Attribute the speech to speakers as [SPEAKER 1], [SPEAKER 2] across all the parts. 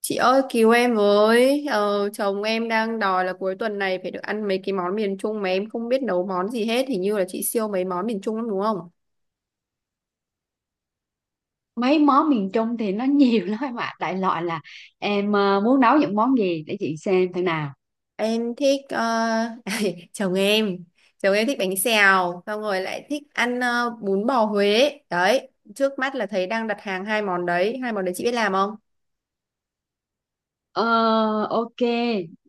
[SPEAKER 1] Chị ơi cứu em với, chồng em đang đòi là cuối tuần này phải được ăn mấy cái món miền Trung mà em không biết nấu món gì hết, hình như là chị siêu mấy món miền Trung lắm đúng không?
[SPEAKER 2] Mấy món miền Trung thì nó nhiều lắm em ạ, đại loại là em muốn nấu những món gì để chị xem thế nào.
[SPEAKER 1] Em thích, chồng em chồng em thích bánh xèo, xong rồi lại thích ăn bún bò Huế đấy. Trước mắt là thấy đang đặt hàng hai món đấy, chị biết làm không?
[SPEAKER 2] ờ, ok.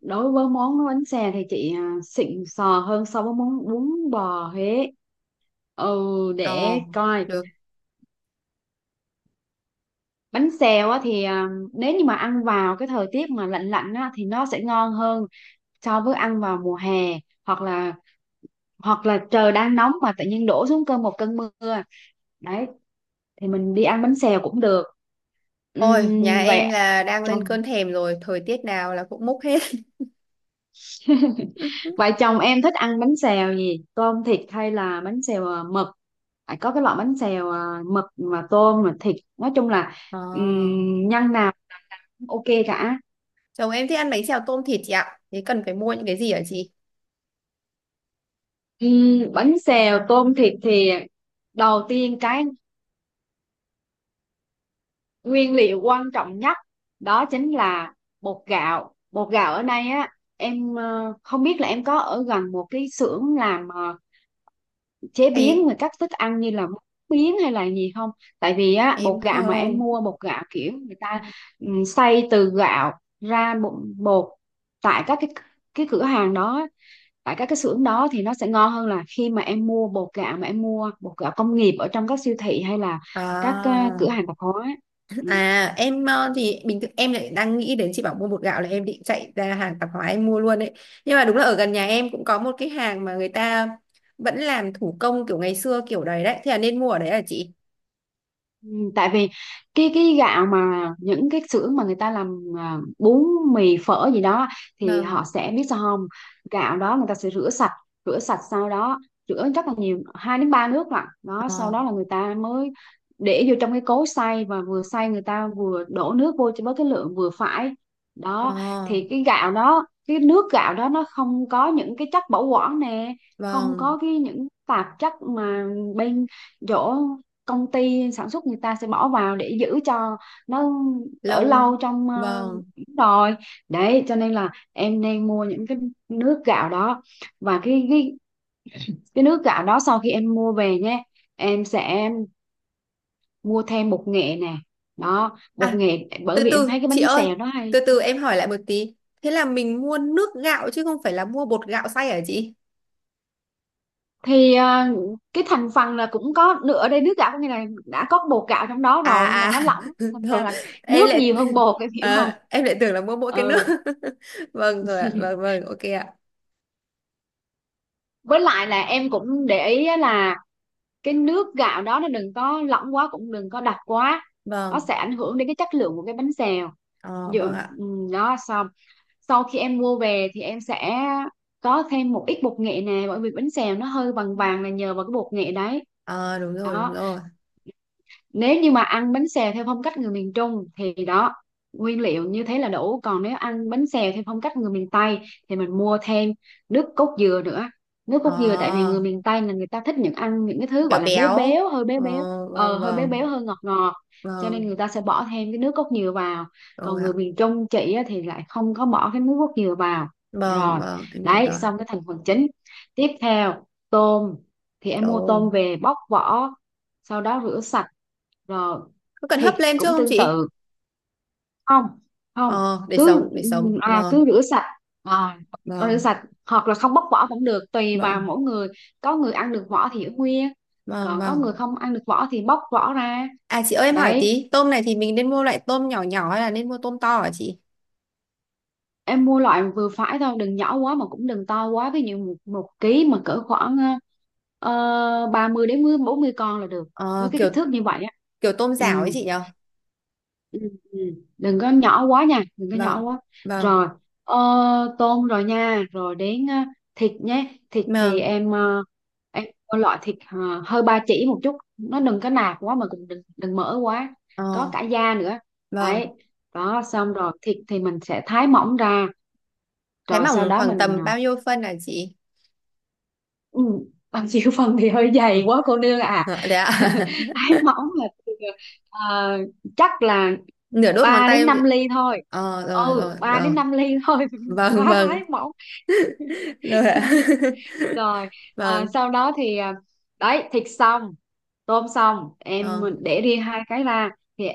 [SPEAKER 2] Đối với món bánh xè thì chị xịn sò hơn so với món bún bò Huế. Ừ,
[SPEAKER 1] Ờ,
[SPEAKER 2] để coi.
[SPEAKER 1] được.
[SPEAKER 2] Bánh xèo á thì nếu như mà ăn vào cái thời tiết mà lạnh lạnh á thì nó sẽ ngon hơn so với ăn vào mùa hè, hoặc là hoặc là trời đang nóng mà tự nhiên đổ xuống cơn một cơn mưa đấy, thì mình đi ăn bánh xèo cũng được.
[SPEAKER 1] Ôi, nhà
[SPEAKER 2] Vậy
[SPEAKER 1] em là đang lên
[SPEAKER 2] chồng
[SPEAKER 1] cơn thèm rồi, thời tiết nào là cũng múc hết.
[SPEAKER 2] vậy chồng em thích ăn bánh xèo gì, tôm thịt hay là bánh xèo mực? Phải có cái loại bánh xèo mực mà tôm mà thịt, nói chung là
[SPEAKER 1] Ờ.
[SPEAKER 2] nhân nào cũng ok cả.
[SPEAKER 1] Chồng em thích ăn bánh xèo tôm thịt chị ạ. Thế cần phải mua những cái gì hả chị?
[SPEAKER 2] Bánh xèo tôm thịt thì đầu tiên cái nguyên liệu quan trọng nhất đó chính là bột gạo. Bột gạo ở đây á, em không biết là em có ở gần một cái xưởng làm chế biến
[SPEAKER 1] Hay
[SPEAKER 2] rồi các thức ăn như là bún biến hay là gì không? Tại vì á,
[SPEAKER 1] em
[SPEAKER 2] bột gạo mà em
[SPEAKER 1] không?
[SPEAKER 2] mua, bột gạo kiểu người ta xay từ gạo ra bột, bột tại các cái cửa hàng đó, tại các cái xưởng đó thì nó sẽ ngon hơn là khi mà em mua bột gạo, mà em mua bột gạo công nghiệp ở trong các siêu thị hay là các
[SPEAKER 1] À,
[SPEAKER 2] cửa hàng tạp hóa.
[SPEAKER 1] à em, thì bình thường em lại đang nghĩ đến chị bảo mua bột gạo là em định chạy ra hàng tạp hóa em mua luôn đấy. Nhưng mà đúng là ở gần nhà em cũng có một cái hàng mà người ta vẫn làm thủ công kiểu ngày xưa kiểu đấy đấy. Thế là nên mua ở đấy hả chị?
[SPEAKER 2] Ừ, tại vì cái gạo mà những cái xưởng mà người ta làm bún mì phở gì đó, thì
[SPEAKER 1] Vâng.
[SPEAKER 2] họ sẽ biết sao không, gạo đó người ta sẽ rửa sạch, rửa sạch sau đó rửa rất là nhiều, 2 đến 3 nước lận đó, sau
[SPEAKER 1] Ờ,
[SPEAKER 2] đó là người ta mới để vô trong cái cối xay, và vừa xay người ta vừa đổ nước vô cho với cái lượng vừa phải đó,
[SPEAKER 1] ờ,
[SPEAKER 2] thì cái gạo đó, cái nước gạo đó nó không có những cái chất bảo quản nè, không
[SPEAKER 1] vâng.
[SPEAKER 2] có cái những tạp chất mà bên chỗ công ty sản xuất người ta sẽ bỏ vào để giữ cho nó ở
[SPEAKER 1] Lâu.
[SPEAKER 2] lâu trong
[SPEAKER 1] Vâng.
[SPEAKER 2] rồi. Đấy cho nên là em nên mua những cái nước gạo đó, và cái nước gạo đó sau khi em mua về nhé, em sẽ mua thêm bột nghệ nè, đó bột
[SPEAKER 1] À,
[SPEAKER 2] nghệ, bởi
[SPEAKER 1] từ
[SPEAKER 2] vì em
[SPEAKER 1] từ
[SPEAKER 2] thấy cái
[SPEAKER 1] chị
[SPEAKER 2] bánh
[SPEAKER 1] ơi
[SPEAKER 2] xèo nó hay
[SPEAKER 1] từ từ em hỏi lại một tí, thế là mình mua nước gạo chứ không phải là mua bột gạo xay hả chị?
[SPEAKER 2] thì cái thành phần là cũng có nữa. Ở đây nước gạo có nghĩa là đã có bột gạo trong đó
[SPEAKER 1] À
[SPEAKER 2] rồi, nhưng mà nó
[SPEAKER 1] à,
[SPEAKER 2] lỏng, thành ra
[SPEAKER 1] rồi,
[SPEAKER 2] là
[SPEAKER 1] em
[SPEAKER 2] nước
[SPEAKER 1] lại
[SPEAKER 2] nhiều hơn bột, em hiểu không?
[SPEAKER 1] ờ, em lại tưởng là mua mỗi cái nước.
[SPEAKER 2] Ừ.
[SPEAKER 1] Vâng rồi ạ, vâng vâng, ok ạ.
[SPEAKER 2] Với lại là em cũng để ý á, là cái nước gạo đó nó đừng có lỏng quá cũng đừng có đặc quá, nó
[SPEAKER 1] Vâng.
[SPEAKER 2] sẽ ảnh hưởng đến cái chất lượng của cái bánh xèo.
[SPEAKER 1] Ờ
[SPEAKER 2] Dự,
[SPEAKER 1] vâng ạ.
[SPEAKER 2] ừ, đó xong. Sau khi em mua về thì em sẽ có thêm một ít bột nghệ nè, bởi vì bánh xèo nó hơi vàng vàng là nhờ vào cái bột nghệ đấy
[SPEAKER 1] Ờ, đúng rồi đúng
[SPEAKER 2] đó.
[SPEAKER 1] rồi.
[SPEAKER 2] Nếu như mà ăn bánh xèo theo phong cách người miền Trung thì đó, nguyên liệu như thế là đủ. Còn nếu ăn bánh xèo theo phong cách người miền Tây thì mình mua thêm nước cốt dừa nữa. Nước
[SPEAKER 1] Ờ,
[SPEAKER 2] cốt dừa tại vì người miền Tây là người ta thích những ăn những cái thứ
[SPEAKER 1] béo
[SPEAKER 2] gọi là béo
[SPEAKER 1] béo.
[SPEAKER 2] béo, hơi béo
[SPEAKER 1] Ờ,
[SPEAKER 2] béo
[SPEAKER 1] vâng
[SPEAKER 2] hơi béo
[SPEAKER 1] vâng.
[SPEAKER 2] béo hơi ngọt ngọt, cho nên
[SPEAKER 1] Vâng
[SPEAKER 2] người ta sẽ bỏ thêm cái nước cốt dừa vào. Còn
[SPEAKER 1] rồi
[SPEAKER 2] người
[SPEAKER 1] ạ.
[SPEAKER 2] miền Trung chị á, thì lại không có bỏ cái nước cốt dừa vào.
[SPEAKER 1] Vâng
[SPEAKER 2] Rồi,
[SPEAKER 1] vâng, em hiểu
[SPEAKER 2] đấy
[SPEAKER 1] rồi.
[SPEAKER 2] xong cái thành phần chính. Tiếp theo tôm, thì em mua tôm
[SPEAKER 1] Tôm
[SPEAKER 2] về bóc vỏ sau đó rửa sạch rồi.
[SPEAKER 1] có cần hấp
[SPEAKER 2] Thịt
[SPEAKER 1] lên trước
[SPEAKER 2] cũng
[SPEAKER 1] không
[SPEAKER 2] tương
[SPEAKER 1] chị?
[SPEAKER 2] tự. Không, không,
[SPEAKER 1] Ờ, để
[SPEAKER 2] cứ
[SPEAKER 1] sống để sống, vâng.
[SPEAKER 2] cứ rửa sạch, à, rửa
[SPEAKER 1] Vâng.
[SPEAKER 2] sạch, hoặc là không bóc vỏ cũng được, tùy vào
[SPEAKER 1] Vâng
[SPEAKER 2] mỗi người. Có người ăn được vỏ thì ở nguyên,
[SPEAKER 1] vâng
[SPEAKER 2] còn có
[SPEAKER 1] vâng.
[SPEAKER 2] người không ăn được vỏ thì bóc vỏ ra.
[SPEAKER 1] À chị ơi em hỏi
[SPEAKER 2] Đấy,
[SPEAKER 1] tí, tôm này thì mình nên mua loại tôm nhỏ nhỏ hay là nên mua tôm to hả chị?
[SPEAKER 2] em mua loại vừa phải thôi, đừng nhỏ quá mà cũng đừng to quá. Ví dụ một ký mà cỡ khoảng ờ, 30 đến 40 con là được, với
[SPEAKER 1] Ờ,
[SPEAKER 2] cái
[SPEAKER 1] kiểu
[SPEAKER 2] kích thước như vậy á.
[SPEAKER 1] kiểu tôm
[SPEAKER 2] Ừ.
[SPEAKER 1] rảo ấy chị nhở?
[SPEAKER 2] Ừ, ừ. Đừng có nhỏ quá nha, đừng có
[SPEAKER 1] Vâng,
[SPEAKER 2] nhỏ quá.
[SPEAKER 1] vâng,
[SPEAKER 2] Rồi, ờ, tôm rồi nha, rồi đến thịt nhé. Thịt thì
[SPEAKER 1] vâng,
[SPEAKER 2] em em có loại thịt hơi ba chỉ một chút, nó đừng có nạc quá mà cũng đừng đừng mỡ quá, có
[SPEAKER 1] ờ,
[SPEAKER 2] cả da nữa đấy.
[SPEAKER 1] vâng.
[SPEAKER 2] Đó, xong rồi thịt thì mình sẽ thái mỏng ra,
[SPEAKER 1] Thái
[SPEAKER 2] rồi sau
[SPEAKER 1] mỏng
[SPEAKER 2] đó
[SPEAKER 1] khoảng
[SPEAKER 2] mình
[SPEAKER 1] tầm bao nhiêu phân hả chị?
[SPEAKER 2] Ừ, bằng chiều phần thì hơi dày quá cô nương à.
[SPEAKER 1] Ừ, thế ạ?
[SPEAKER 2] Thái mỏng là từ, ờ, chắc là
[SPEAKER 1] Nửa đốt ngón
[SPEAKER 2] 3
[SPEAKER 1] tay
[SPEAKER 2] đến
[SPEAKER 1] không chị?
[SPEAKER 2] 5 ly thôi.
[SPEAKER 1] Ờ, rồi,
[SPEAKER 2] Ừ,
[SPEAKER 1] rồi,
[SPEAKER 2] 3 đến
[SPEAKER 1] rồi.
[SPEAKER 2] 5 ly thôi,
[SPEAKER 1] Vâng,
[SPEAKER 2] quá thái
[SPEAKER 1] vâng,
[SPEAKER 2] mỏng.
[SPEAKER 1] rồi ạ.
[SPEAKER 2] Rồi,
[SPEAKER 1] Vâng,
[SPEAKER 2] sau đó thì đấy, thịt xong, tôm xong, em
[SPEAKER 1] vâng.
[SPEAKER 2] để riêng hai cái ra. Thì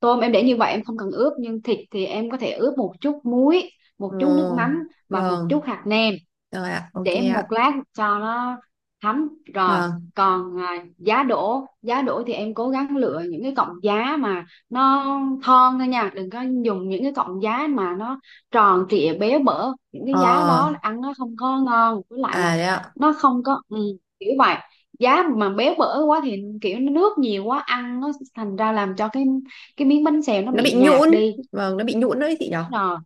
[SPEAKER 2] tôm em để như vậy em không cần ướp, nhưng thịt thì em có thể ướp một chút muối,
[SPEAKER 1] Ồ,
[SPEAKER 2] một chút nước mắm và một
[SPEAKER 1] vâng,
[SPEAKER 2] chút hạt nêm,
[SPEAKER 1] rồi ạ, ok
[SPEAKER 2] để một
[SPEAKER 1] ạ.
[SPEAKER 2] lát cho nó thấm. Rồi,
[SPEAKER 1] Vâng,
[SPEAKER 2] còn giá đỗ, giá đỗ thì em cố gắng lựa những cái cọng giá mà nó thon thôi nha, đừng có dùng những cái cọng giá mà nó tròn trịa béo bở, những cái giá đó
[SPEAKER 1] ờ,
[SPEAKER 2] ăn nó không có ngon, với lại là
[SPEAKER 1] à đấy ạ.
[SPEAKER 2] nó không có ừ, kiểu vậy. Giá mà béo bở quá thì kiểu nó nước nhiều quá, ăn nó thành ra làm cho cái miếng bánh xèo nó
[SPEAKER 1] Nó bị
[SPEAKER 2] bị nhạt
[SPEAKER 1] nhũn,
[SPEAKER 2] đi.
[SPEAKER 1] vâng, nó bị nhũn đấy chị nhở?
[SPEAKER 2] Rồi.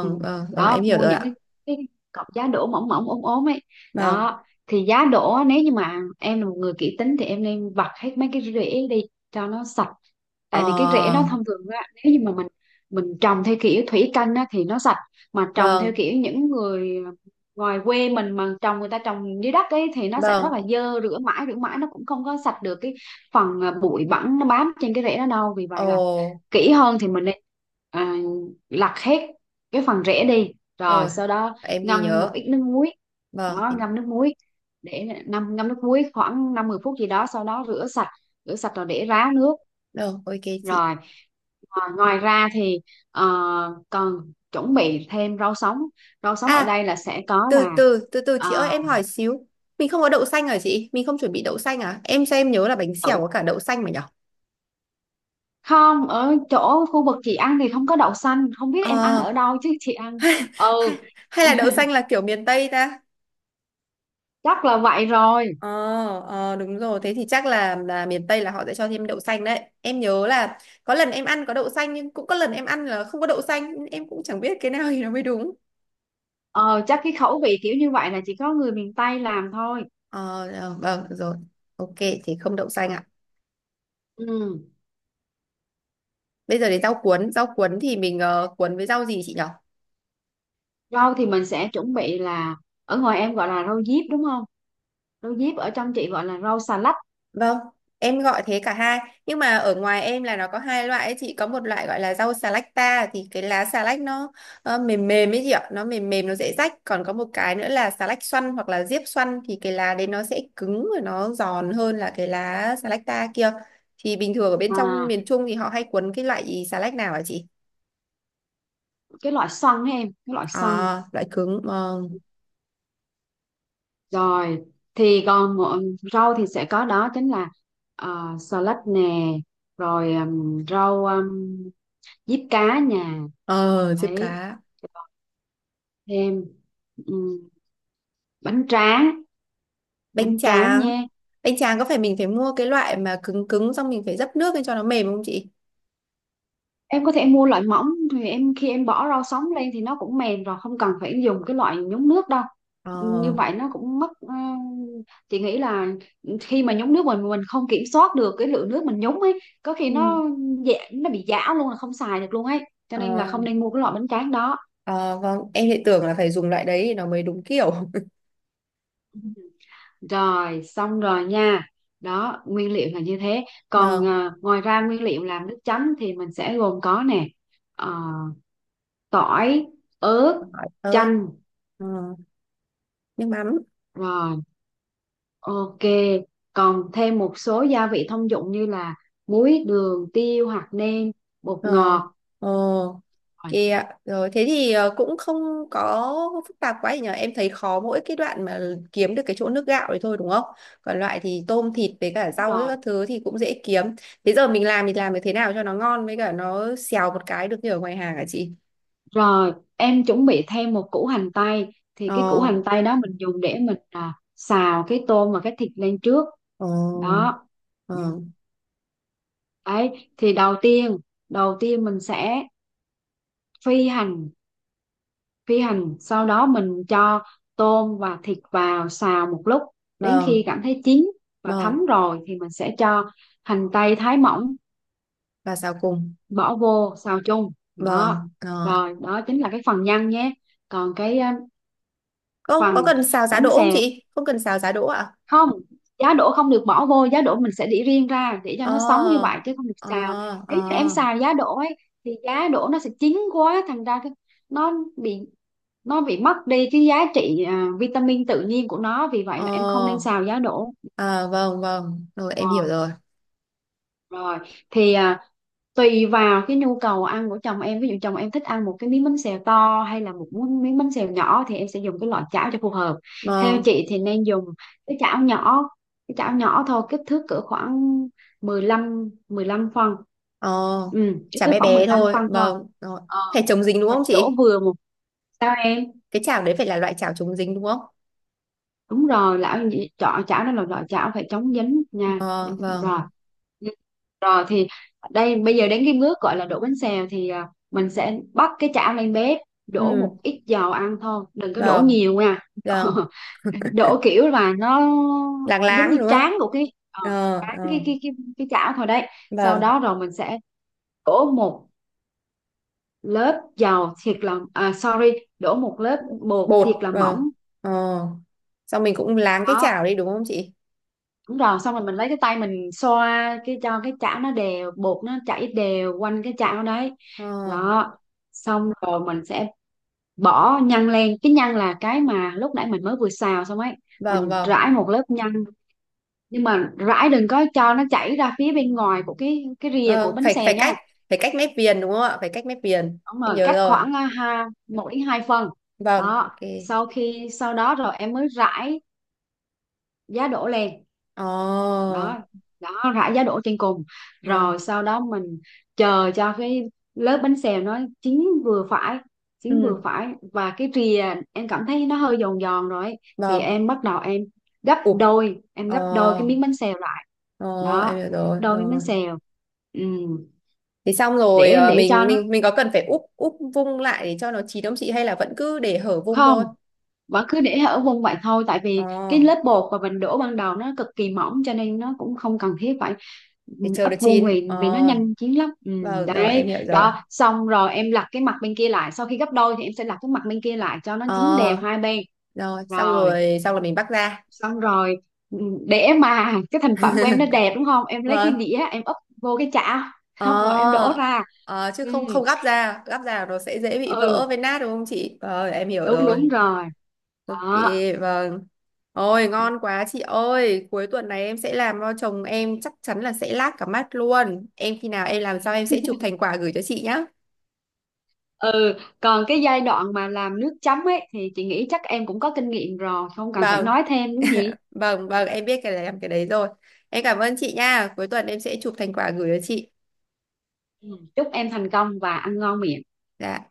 [SPEAKER 2] Ừ.
[SPEAKER 1] vâng, rồi
[SPEAKER 2] Đó,
[SPEAKER 1] em hiểu
[SPEAKER 2] mua
[SPEAKER 1] rồi
[SPEAKER 2] những cái
[SPEAKER 1] ạ.
[SPEAKER 2] cái cọc giá đỗ mỏng mỏng ốm ốm ấy
[SPEAKER 1] Vâng.
[SPEAKER 2] đó. Thì giá đỗ á, nếu như mà em là một người kỹ tính thì em nên vặt hết mấy cái rễ đi cho nó sạch. Tại vì cái rễ nó
[SPEAKER 1] Ờ,
[SPEAKER 2] thông thường á, nếu như mà mình trồng theo kiểu thủy canh á thì nó sạch, mà trồng theo
[SPEAKER 1] vâng,
[SPEAKER 2] kiểu những người ngoài quê mình mà trồng, người ta trồng dưới đất ấy, thì nó sẽ rất
[SPEAKER 1] vâng,
[SPEAKER 2] là dơ, rửa mãi nó cũng không có sạch được cái phần bụi bẩn nó bám trên cái rễ đó đâu. Vì vậy là
[SPEAKER 1] ồ,
[SPEAKER 2] kỹ hơn thì mình nên à, lặt hết cái phần rễ đi, rồi
[SPEAKER 1] rồi,
[SPEAKER 2] sau đó
[SPEAKER 1] em ghi
[SPEAKER 2] ngâm một
[SPEAKER 1] nhớ,
[SPEAKER 2] ít nước muối.
[SPEAKER 1] vâng,
[SPEAKER 2] Đó,
[SPEAKER 1] em,
[SPEAKER 2] ngâm nước muối, để ngâm ngâm nước muối khoảng năm 10 phút gì đó, sau đó rửa sạch, rửa sạch rồi để ráo nước.
[SPEAKER 1] rồi, ok chị.
[SPEAKER 2] Rồi, ngoài ra thì ờ, còn chuẩn bị thêm rau sống. Rau sống ở
[SPEAKER 1] À,
[SPEAKER 2] đây là sẽ có
[SPEAKER 1] từ
[SPEAKER 2] là
[SPEAKER 1] từ, từ từ chị ơi,
[SPEAKER 2] à,
[SPEAKER 1] em hỏi xíu, mình không có đậu xanh hả chị? Mình không chuẩn bị đậu xanh à? Em xem em nhớ là bánh
[SPEAKER 2] đậu.
[SPEAKER 1] xèo có cả đậu xanh mà nhở?
[SPEAKER 2] Không, ở chỗ khu vực chị ăn thì không có đậu xanh, không biết em ăn
[SPEAKER 1] Ờ,
[SPEAKER 2] ở đâu chứ chị ăn,
[SPEAKER 1] hay,
[SPEAKER 2] ừ.
[SPEAKER 1] hay là đậu xanh là kiểu miền Tây ta?
[SPEAKER 2] Chắc là vậy rồi.
[SPEAKER 1] Ờ, ờ, đúng rồi, thế thì chắc là miền Tây là họ sẽ cho thêm đậu xanh đấy. Em nhớ là có lần em ăn có đậu xanh nhưng cũng có lần em ăn là không có đậu xanh, em cũng chẳng biết cái nào thì nó mới đúng.
[SPEAKER 2] Ờ, chắc cái khẩu vị kiểu như vậy là chỉ có người miền Tây làm thôi.
[SPEAKER 1] Ờ, ờ, vâng, được rồi. Ok, thế không đậu xanh ạ.
[SPEAKER 2] Ừ.
[SPEAKER 1] Bây giờ đến rau cuốn. Rau cuốn thì mình, cuốn với rau gì chị nhỉ?
[SPEAKER 2] Rau thì mình sẽ chuẩn bị là, ở ngoài em gọi là rau diếp đúng không? Rau diếp ở trong chị gọi là rau xà lách.
[SPEAKER 1] Vâng, em gọi thế cả hai. Nhưng mà ở ngoài em là nó có hai loại ấy chị. Có một loại gọi là rau xà lách ta. Thì cái lá xà lách nó, mềm mềm ấy chị ạ. Nó mềm mềm, nó dễ rách. Còn có một cái nữa là xà lách xoăn hoặc là diếp xoăn. Thì cái lá đấy nó sẽ cứng và nó giòn hơn là cái lá xà lách ta kia. Thì bình thường ở bên trong
[SPEAKER 2] À,
[SPEAKER 1] miền Trung thì họ hay cuốn cái loại xà lách nào hả chị?
[SPEAKER 2] cái loại xoăn ấy em, cái loại xoăn.
[SPEAKER 1] À, loại cứng. Vâng.
[SPEAKER 2] Rồi, thì còn một- rau thì sẽ có đó chính là xà lách nè, rồi rau diếp cá nhà.
[SPEAKER 1] Ờ, diếp
[SPEAKER 2] Đấy,
[SPEAKER 1] cá.
[SPEAKER 2] thêm ừ, bánh tráng,
[SPEAKER 1] Bánh
[SPEAKER 2] bánh tráng
[SPEAKER 1] tráng.
[SPEAKER 2] nha.
[SPEAKER 1] Bánh tráng có phải mình phải mua cái loại mà cứng cứng xong mình phải dấp nước lên cho nó mềm không chị?
[SPEAKER 2] Em có thể mua loại mỏng, thì em khi em bỏ rau sống lên thì nó cũng mềm rồi, không cần phải dùng cái loại nhúng nước đâu.
[SPEAKER 1] Ờ.
[SPEAKER 2] Như vậy nó cũng mất chị nghĩ là khi mà nhúng nước mình không kiểm soát được cái lượng nước mình nhúng ấy, có khi
[SPEAKER 1] Ừ.
[SPEAKER 2] nó dẻ, nó bị giã luôn là không xài được luôn ấy, cho
[SPEAKER 1] Ờ,
[SPEAKER 2] nên là không nên mua cái loại bánh tráng đó.
[SPEAKER 1] ờ, vâng, em lại tưởng là phải dùng loại đấy thì nó mới đúng kiểu.
[SPEAKER 2] Ừ. Rồi, xong rồi nha, đó nguyên liệu là như thế. Còn
[SPEAKER 1] Vâng.
[SPEAKER 2] ngoài ra nguyên liệu làm nước chấm thì mình sẽ gồm có nè: ờ, tỏi, ớt,
[SPEAKER 1] Hỏi ớt.
[SPEAKER 2] chanh,
[SPEAKER 1] ờ, nước mắm.
[SPEAKER 2] rồi. Ok, còn thêm một số gia vị thông dụng như là muối, đường, tiêu, hạt nêm, bột
[SPEAKER 1] Ờ.
[SPEAKER 2] ngọt.
[SPEAKER 1] Ờ.
[SPEAKER 2] Rồi,
[SPEAKER 1] Kìa, ạ. Rồi thế thì, cũng không có phức tạp quá gì nhở. Em thấy khó mỗi cái đoạn mà kiếm được cái chỗ nước gạo đấy thôi đúng không? Còn loại thì tôm thịt với cả
[SPEAKER 2] đúng
[SPEAKER 1] rau ấy,
[SPEAKER 2] rồi.
[SPEAKER 1] các thứ thì cũng dễ kiếm. Thế giờ mình làm thì làm được thế nào cho nó ngon với cả nó xèo một cái được như ở ngoài hàng hả chị?
[SPEAKER 2] Rồi, em chuẩn bị thêm một củ hành tây. Thì cái củ
[SPEAKER 1] Ờ,
[SPEAKER 2] hành tây đó mình dùng để mình xào cái tôm và cái thịt lên trước.
[SPEAKER 1] ờ,
[SPEAKER 2] Đó. Ừ.
[SPEAKER 1] vâng,
[SPEAKER 2] Đấy, thì đầu tiên mình sẽ phi hành phi hành sau đó mình cho tôm và thịt vào xào một lúc đến khi
[SPEAKER 1] vâng,
[SPEAKER 2] cảm thấy chín và
[SPEAKER 1] vâng.
[SPEAKER 2] thấm rồi thì mình sẽ cho hành tây thái mỏng
[SPEAKER 1] Và xào cùng.
[SPEAKER 2] bỏ vô xào chung đó.
[SPEAKER 1] Vâng, ờ.
[SPEAKER 2] Rồi đó chính là cái phần nhân nhé. Còn cái
[SPEAKER 1] Ô, có
[SPEAKER 2] phần
[SPEAKER 1] cần xào giá
[SPEAKER 2] bánh
[SPEAKER 1] đỗ không
[SPEAKER 2] xèo
[SPEAKER 1] chị? Không cần xào giá đỗ ạ?
[SPEAKER 2] không, giá đỗ không được bỏ vô, giá đỗ mình sẽ để riêng ra để cho
[SPEAKER 1] Ờ,
[SPEAKER 2] nó sống như vậy chứ không được
[SPEAKER 1] ờ,
[SPEAKER 2] xào. Nếu như em
[SPEAKER 1] ờ.
[SPEAKER 2] xào giá đỗ ấy thì giá đỗ nó sẽ chín quá, thành ra cái nó bị nó bị mất đi cái giá trị vitamin tự nhiên của nó, vì vậy là em không nên
[SPEAKER 1] Ờ,
[SPEAKER 2] xào giá đỗ.
[SPEAKER 1] à vâng vâng, rồi em
[SPEAKER 2] Ờ,
[SPEAKER 1] hiểu rồi.
[SPEAKER 2] rồi thì tùy vào cái nhu cầu ăn của chồng em, ví dụ chồng em thích ăn một cái miếng bánh xèo to hay là một miếng miếng bánh xèo nhỏ thì em sẽ dùng cái loại chảo cho phù hợp. Theo
[SPEAKER 1] Vâng,
[SPEAKER 2] chị thì nên dùng cái chảo nhỏ, cái chảo nhỏ thôi, kích thước cỡ khoảng mười lăm phân.
[SPEAKER 1] ờ,
[SPEAKER 2] Ừ, kích
[SPEAKER 1] chả
[SPEAKER 2] thước
[SPEAKER 1] bé
[SPEAKER 2] khoảng mười
[SPEAKER 1] bé
[SPEAKER 2] lăm
[SPEAKER 1] thôi.
[SPEAKER 2] phân thôi.
[SPEAKER 1] Vâng, rồi.
[SPEAKER 2] Ờ,
[SPEAKER 1] Phải chống dính đúng
[SPEAKER 2] mình
[SPEAKER 1] không
[SPEAKER 2] đổ
[SPEAKER 1] chị?
[SPEAKER 2] vừa một, sao em?
[SPEAKER 1] Cái chảo đấy phải là loại chảo chống dính đúng không?
[SPEAKER 2] Đúng rồi, lão nhị- chảo chảo đây là loại chảo phải chống dính nha.
[SPEAKER 1] Ờ,
[SPEAKER 2] Đấy, rồi.
[SPEAKER 1] vâng,
[SPEAKER 2] Ừ. Rồi thì đây, bây giờ đến cái bước gọi là đổ bánh xèo thì mình sẽ bắt cái chảo lên bếp, đổ
[SPEAKER 1] ừ,
[SPEAKER 2] một ít dầu ăn thôi, đừng có đổ
[SPEAKER 1] vâng,
[SPEAKER 2] nhiều nha.
[SPEAKER 1] vâng,
[SPEAKER 2] Đổ kiểu là nó
[SPEAKER 1] láng
[SPEAKER 2] giống
[SPEAKER 1] láng
[SPEAKER 2] như
[SPEAKER 1] đúng không?
[SPEAKER 2] tráng của cái
[SPEAKER 1] Ờ,
[SPEAKER 2] tráng
[SPEAKER 1] ờ,
[SPEAKER 2] cái cái chảo thôi đấy. Sau
[SPEAKER 1] vâng,
[SPEAKER 2] đó rồi mình sẽ đổ một lớp dầu thiệt là sorry, đổ một lớp bột
[SPEAKER 1] bột,
[SPEAKER 2] thiệt là
[SPEAKER 1] vâng,
[SPEAKER 2] mỏng.
[SPEAKER 1] ờ. Xong mình cũng láng cái
[SPEAKER 2] Đó,
[SPEAKER 1] chảo đi đúng không chị?
[SPEAKER 2] đúng rồi, xong rồi mình lấy cái tay mình xoa cái cho cái chảo nó đều, bột nó chảy đều quanh cái chảo đấy.
[SPEAKER 1] Ờ,
[SPEAKER 2] Đó, xong rồi mình sẽ bỏ nhân lên, cái nhân là cái mà lúc nãy mình mới vừa xào xong ấy.
[SPEAKER 1] vâng,
[SPEAKER 2] Mình
[SPEAKER 1] vâng,
[SPEAKER 2] rải một lớp nhân, nhưng mà rải đừng có cho nó chảy ra phía bên ngoài của cái rìa của
[SPEAKER 1] vâng,
[SPEAKER 2] bánh
[SPEAKER 1] phải
[SPEAKER 2] xèo nha.
[SPEAKER 1] phải cách mép viền đúng không ạ? Phải cách mép viền,
[SPEAKER 2] Xong
[SPEAKER 1] em
[SPEAKER 2] rồi
[SPEAKER 1] nhớ
[SPEAKER 2] cắt
[SPEAKER 1] rồi.
[SPEAKER 2] khoảng ha 1 đến 2 phần.
[SPEAKER 1] Vâng, ok.
[SPEAKER 2] Đó, sau khi sau đó rồi em mới rải giá đỗ lên.
[SPEAKER 1] Ờ,
[SPEAKER 2] Đó, đó, rải giá đỗ trên cùng.
[SPEAKER 1] ờ.
[SPEAKER 2] Rồi sau đó mình chờ cho cái lớp bánh xèo nó chín vừa phải, chín
[SPEAKER 1] Ừ.
[SPEAKER 2] vừa phải, và cái rìa em cảm thấy nó hơi giòn giòn rồi ấy, thì
[SPEAKER 1] Vâng.
[SPEAKER 2] em bắt đầu em gấp
[SPEAKER 1] Ủa,
[SPEAKER 2] đôi, em
[SPEAKER 1] ờ,
[SPEAKER 2] gấp đôi cái miếng bánh xèo lại.
[SPEAKER 1] ờ, em
[SPEAKER 2] Đó,
[SPEAKER 1] hiểu
[SPEAKER 2] gấp
[SPEAKER 1] rồi,
[SPEAKER 2] đôi miếng bánh
[SPEAKER 1] rồi.
[SPEAKER 2] xèo. Ừ.
[SPEAKER 1] Thế xong rồi,
[SPEAKER 2] để để cho
[SPEAKER 1] mình
[SPEAKER 2] nó
[SPEAKER 1] mình mình có cần phải úp úp vung lại để cho nó chín không chị hay là vẫn cứ để hở vung thôi?
[SPEAKER 2] không, vẫn cứ để ở vùng vậy thôi, tại vì
[SPEAKER 1] Ờ,
[SPEAKER 2] cái lớp bột mà mình đổ ban đầu nó cực kỳ mỏng cho nên nó cũng không cần thiết phải. Ừ,
[SPEAKER 1] để chờ
[SPEAKER 2] ấp
[SPEAKER 1] nó
[SPEAKER 2] vô
[SPEAKER 1] chín. Ờ,
[SPEAKER 2] nguyền vì nó nhanh chín lắm. Ừ,
[SPEAKER 1] vâng rồi em
[SPEAKER 2] đấy
[SPEAKER 1] hiểu rồi.
[SPEAKER 2] đó, xong rồi em lật cái mặt bên kia lại, sau khi gấp đôi thì em sẽ lật cái mặt bên kia lại cho nó
[SPEAKER 1] Ờ,
[SPEAKER 2] chín đều hai bên.
[SPEAKER 1] rồi xong
[SPEAKER 2] Rồi,
[SPEAKER 1] rồi xong rồi mình bắc ra.
[SPEAKER 2] xong rồi, ừ, để mà cái thành phẩm của em nó đẹp đúng không, em lấy cái
[SPEAKER 1] Vâng.
[SPEAKER 2] đĩa em úp vô cái chảo,
[SPEAKER 1] Ờ,
[SPEAKER 2] xong rồi em đổ ra.
[SPEAKER 1] ờ, chứ
[SPEAKER 2] Ừ,
[SPEAKER 1] không, không gắp ra, nó sẽ dễ bị vỡ
[SPEAKER 2] ừ,
[SPEAKER 1] với nát đúng không chị? Ờ, em hiểu
[SPEAKER 2] đúng
[SPEAKER 1] rồi.
[SPEAKER 2] đúng rồi
[SPEAKER 1] Ok,
[SPEAKER 2] đó.
[SPEAKER 1] vâng. Ôi, ngon quá chị ơi. Cuối tuần này em sẽ làm cho chồng em chắc chắn là sẽ lác cả mắt luôn. Em khi nào em làm sao em sẽ chụp thành quả gửi cho chị nhá.
[SPEAKER 2] Ừ, còn cái giai đoạn mà làm nước chấm ấy thì chị nghĩ chắc em cũng có kinh nghiệm rồi, không cần phải
[SPEAKER 1] Vâng,
[SPEAKER 2] nói thêm đúng gì.
[SPEAKER 1] vâng, vâng, em biết cái này làm cái đấy rồi. Em cảm ơn chị nha. Cuối tuần em sẽ chụp thành quả gửi cho chị.
[SPEAKER 2] Ừ, chúc em thành công và ăn ngon miệng.
[SPEAKER 1] Dạ.